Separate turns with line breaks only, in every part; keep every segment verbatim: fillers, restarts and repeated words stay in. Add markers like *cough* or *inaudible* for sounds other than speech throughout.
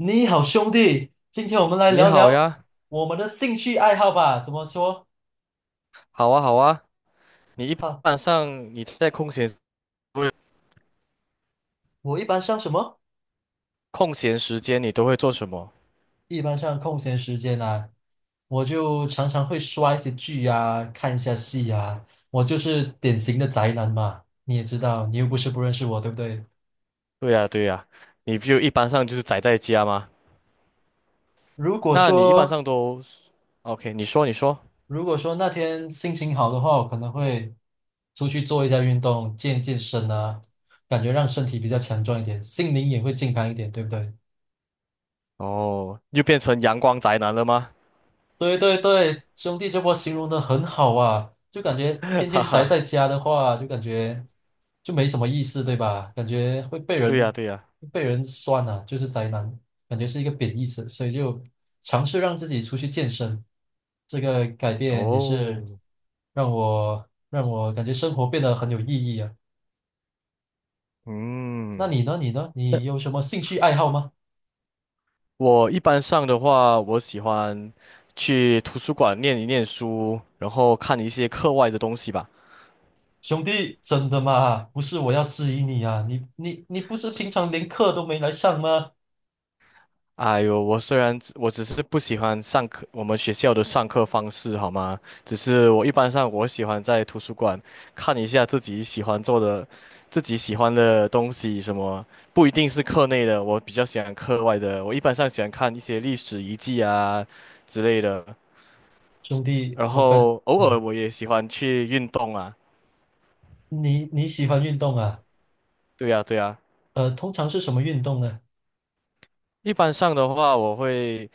你好，兄弟，今天我们来
你
聊
好
聊
呀，
我们的兴趣爱好吧。怎么说？
好啊，好啊。你一
哈，
般上你在空闲不是
我一般上什么？
空闲时间，你都会做什么？
一般上空闲时间啊，我就常常会刷一些剧啊，看一下戏啊。我就是典型的宅男嘛，你也知道，你又不是不认识我，对不对？
对呀，对呀。你就一般上就是宅在家吗？
如果
那你一般
说
上都，OK？你说，你说。
如果说那天心情好的话，我可能会出去做一下运动，健健身啊，感觉让身体比较强壮一点，心灵也会健康一点，对不对？
哦，又变成阳光宅男了吗？
对对对，兄弟这波形容的很好啊，就感觉
*laughs*
天
哈
天宅
哈，
在家的话，就感觉就没什么意思，对吧？感觉会被
对呀，
人
对呀。
被人酸啊，就是宅男，感觉是一个贬义词，所以就尝试让自己出去健身，这个改变也是
哦，
让我让我感觉生活变得很有意义啊。那
嗯，
你呢？你呢？
那
你有什么兴趣爱好吗？
我一般上的话，我喜欢去图书馆念一念书，然后看一些课外的东西吧。
兄弟，真的吗？不是我要质疑你啊，你你你不是平常连课都没来上吗？
哎呦，我虽然只我只是不喜欢上课，我们学校的上课方式，好吗？只是我一般上我喜欢在图书馆看一下自己喜欢做的、自己喜欢的东西，什么不一定是课内的，我比较喜欢课外的。我一般上喜欢看一些历史遗迹啊之类的，
兄弟，
然
我感，
后偶尔
嗯，
我也喜欢去运动啊。
你你喜欢运动啊？
对呀，对呀。
呃，通常是什么运动呢？
一般上的话，我会。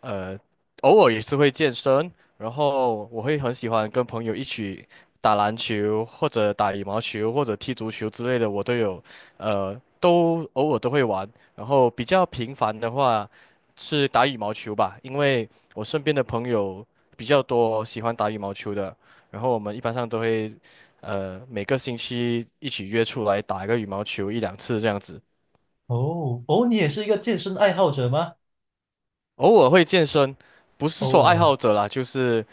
呃，偶尔也是会健身，然后我会很喜欢跟朋友一起打篮球，或者打羽毛球，或者踢足球之类的，我都有，呃，都偶尔都会玩。然后比较频繁的话是打羽毛球吧，因为我身边的朋友比较多喜欢打羽毛球的，然后我们一般上都会，呃，每个星期一起约出来打一个羽毛球一两次这样子。
哦哦，你也是一个健身爱好者吗？
偶尔会健身，不是
偶
说爱好
尔，
者啦，就是。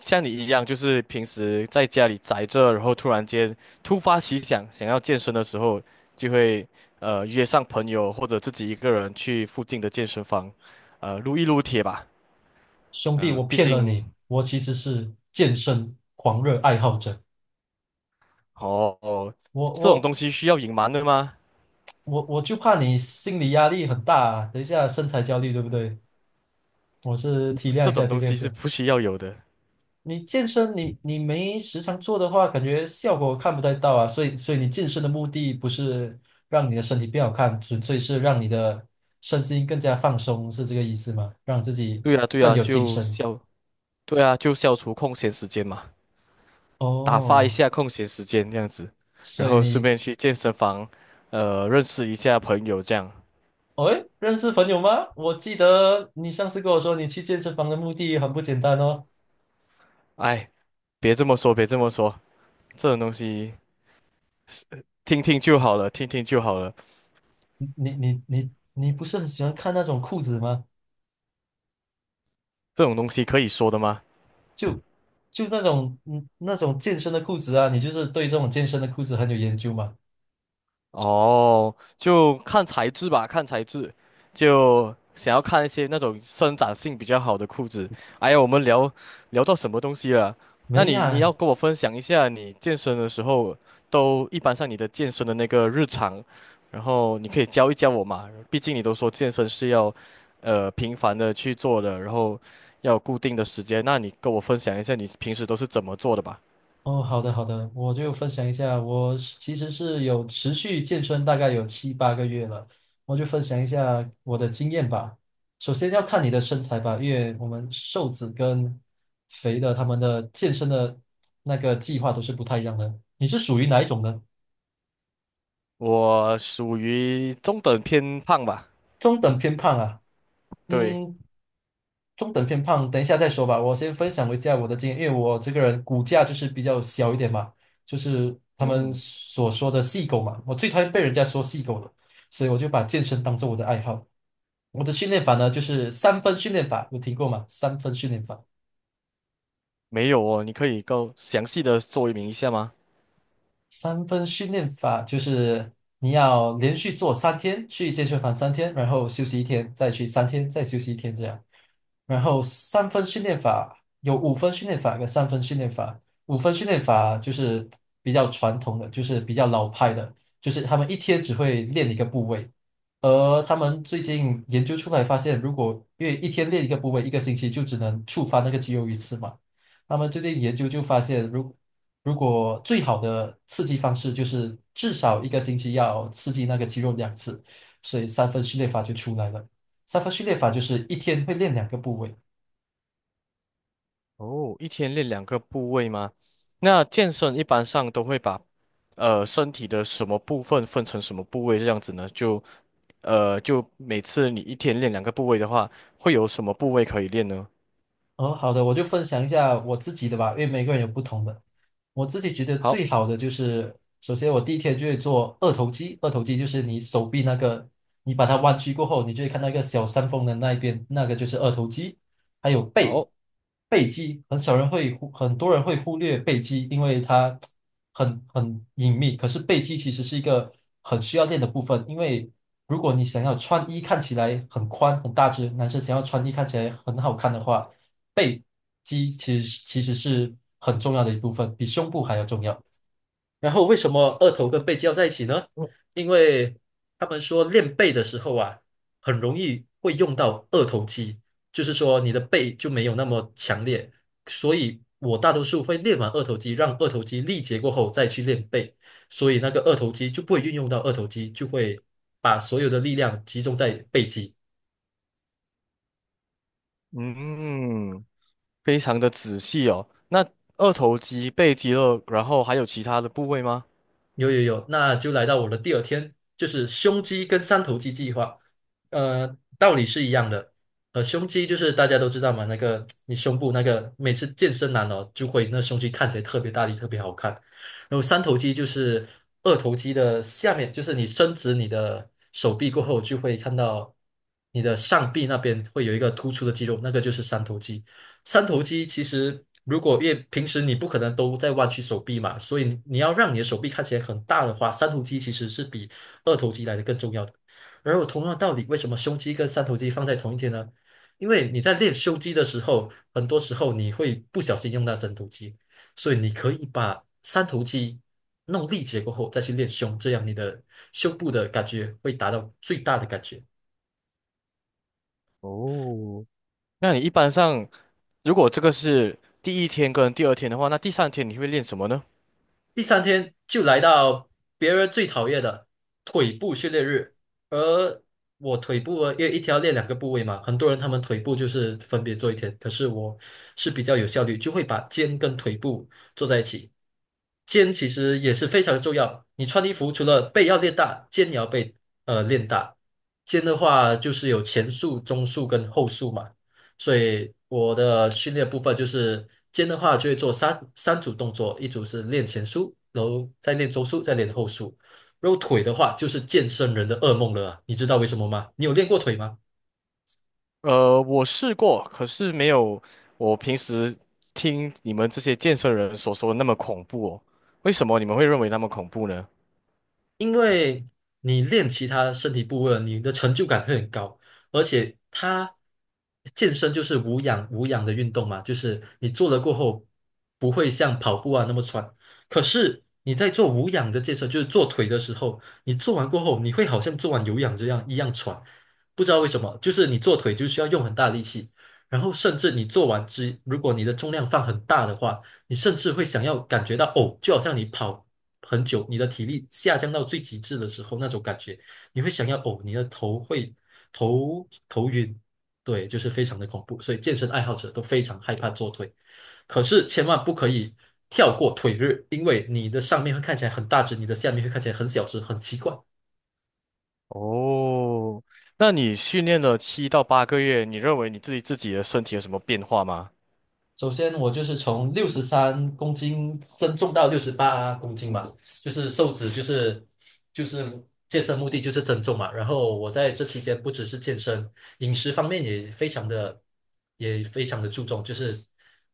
像你一样，就是平时在家里宅着，然后突然间突发奇想，想要健身的时候，就会呃约上朋友或者自己一个人去附近的健身房，呃撸一撸铁吧。
兄弟，
嗯、
我
毕
骗了
竟
你，我其实是健身狂热爱好者。
哦哦，
我
这种
我
东西需要隐瞒的吗？
我我就怕你心理压力很大啊等一下身材焦虑，对不对？我是体谅
这
一下，
种
体
东
谅一
西是
下。
不需要有的。
你健身你你没时常做的话，感觉效果看不太到啊。所以所以你健身的目的不是让你的身体变好看，纯粹是让你的身心更加放松，是这个意思吗？让自己
对啊，对
更
啊，
有精
就
神。
消，对啊，就消除空闲时间嘛，打发一
哦，
下空闲时间这样子，
所
然
以
后顺
你，
便去健身房，呃，认识一下朋友这样。
哦，诶认识朋友吗？我记得你上次跟我说，你去健身房的目的很不简单哦。
哎，别这么说，别这么说，这种东西是听听就好了，听听就好了，
你你你你你不是很喜欢看那种裤子吗？
这种东西可以说的吗？
就就那种嗯那种健身的裤子啊，你就是对这种健身的裤子很有研究嘛？
哦，就看材质吧，看材质，就想要看一些那种生长性比较好的裤子。哎呀，我们聊聊到什么东西了？那
没
你你要
呀，
跟我分享一下你健身的时候，都一般上你的健身的那个日常，然后你可以教一教我嘛。毕竟你都说健身是要，呃，频繁的去做的，然后要有固定的时间。那你跟我分享一下你平时都是怎么做的吧？
哦，好的好的，我就分享一下，我是其实是有持续健身，大概有七八个月了，我就分享一下我的经验吧。首先要看你的身材吧，因为我们瘦子跟肥的他们的健身的那个计划都是不太一样的。你是属于哪一种呢？
我属于中等偏胖吧，
中等偏胖啊？
对。
嗯，中等偏胖，等一下再说吧。我先分享一下我的经验，因为我这个人骨架就是比较小一点嘛，就是他们
嗯。
所说的“细狗”嘛，我最讨厌被人家说“细狗”了，所以我就把健身当做我的爱好。我的训练法呢，就是三分训练法，有听过吗？三分训练法。
没有哦，你可以够详细的说明一下吗？
三分训练法就是你要连续做三天，去健身房三天，然后休息一天，再去三天，再休息一天这样。然后三分训练法有五分训练法跟三分训练法。五分训练法就是比较传统的，就是比较老派的，就是他们一天只会练一个部位。而他们最近研究出来发现，如果因为一天练一个部位，一个星期就只能触发那个肌肉一次嘛。他们最近研究就发现，如如果最好的刺激方式就是至少一个星期要刺激那个肌肉两次，所以三分序列法就出来了。三分序列法就是一天会练两个部位。
哦，一天练两个部位吗？那健身一般上都会把呃身体的什么部分分成什么部位这样子呢？就呃就每次你一天练两个部位的话，会有什么部位可以练呢？
哦，好的，我就分享一下我自己的吧，因为每个人有不同的。我自己觉得
好，
最好的就是，首先我第一天就会做二头肌，二头肌就是你手臂那个，你把它弯曲过后，你就会看到一个小山峰的那一边，那个就是二头肌。还有背
好，
背肌，很少人会忽，很多人会忽略背肌，因为它很很隐秘。可是背肌其实是一个很需要练的部分，因为如果你想要穿衣看起来很宽很大只，男生想要穿衣看起来很好看的话，背肌其实其实是很重要的一部分，比胸部还要重要。然后为什么二头跟背肌要在一起呢？因为他们说练背的时候啊，很容易会用到二头肌，就是说你的背就没有那么强烈，所以我大多数会练完二头肌，让二头肌力竭过后再去练背，所以那个二头肌就不会运用到二头肌，就会把所有的力量集中在背肌。
嗯，非常的仔细哦。那二头肌、背肌肉，然后还有其他的部位吗？
有有有，那就来到我的第二天，就是胸肌跟三头肌计划。呃，道理是一样的。呃，胸肌就是大家都知道嘛，那个你胸部那个每次健身男哦，就会那胸肌看起来特别大力，特别好看。然后三头肌就是二头肌的下面，就是你伸直你的手臂过后，就会看到你的上臂那边会有一个突出的肌肉，那个就是三头肌。三头肌其实如果因为平时你不可能都在弯曲手臂嘛，所以你你要让你的手臂看起来很大的话，三头肌其实是比二头肌来的更重要的。而有同样的道理，为什么胸肌跟三头肌放在同一天呢？因为你在练胸肌的时候，很多时候你会不小心用到三头肌，所以你可以把三头肌弄力竭过后再去练胸，这样你的胸部的感觉会达到最大的感觉。
哦，那你一般上如果这个是第一天跟第二天的话，那第三天你会练什么呢？
第三天就来到别人最讨厌的腿部训练日，而我腿部啊因为一天要练两个部位嘛，很多人他们腿部就是分别做一天，可是我是比较有效率，就会把肩跟腿部做在一起。肩其实也是非常重要，你穿衣服除了背要练大，肩也要背呃练大。肩的话就是有前束、中束跟后束嘛。所以我的训练部分就是肩的话就会做三三组动作，一组是练前束，然后再练中束，再练后束。然后腿的话就是健身人的噩梦了啊你知道为什么吗？你有练过腿吗？
呃，我试过，可是没有我平时听你们这些健身人所说的那么恐怖哦。为什么你们会认为那么恐怖呢？
因为你练其他身体部位了，你的成就感会很高，而且它健身就是无氧无氧的运动嘛，就是你做了过后不会像跑步啊那么喘。可是你在做无氧的健身，就是做腿的时候，你做完过后，你会好像做完有氧这样一样喘，不知道为什么，就是你做腿就需要用很大力气，然后甚至你做完之，如果你的重量放很大的话。你甚至会想要感觉到哦，就好像你跑很久，你的体力下降到最极致的时候那种感觉，你会想要哦，你的头会头头晕，对，就是非常的恐怖，所以健身爱好者都非常害怕做腿，可是千万不可以跳过腿日，因为你的上面会看起来很大只，你的下面会看起来很小只，很奇怪。
哦，那你训练了七到八个月，你认为你自己自己的身体有什么变化吗？
首先，我就是从六十三公斤增重到六十八公斤嘛，就是瘦子，就是就是健身目的就是增重嘛。然后我在这期间不只是健身，饮食方面也非常的也非常的注重，就是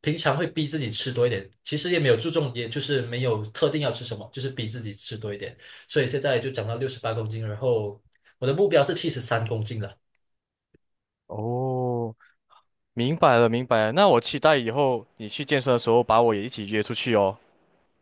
平常会逼自己吃多一点，其实也没有注重，也就是没有特定要吃什么，就是逼自己吃多一点。所以现在就长到六十八公斤，然后我的目标是七十三公斤了。
哦，明白了，明白了。那我期待以后你去健身的时候，把我也一起约出去哦。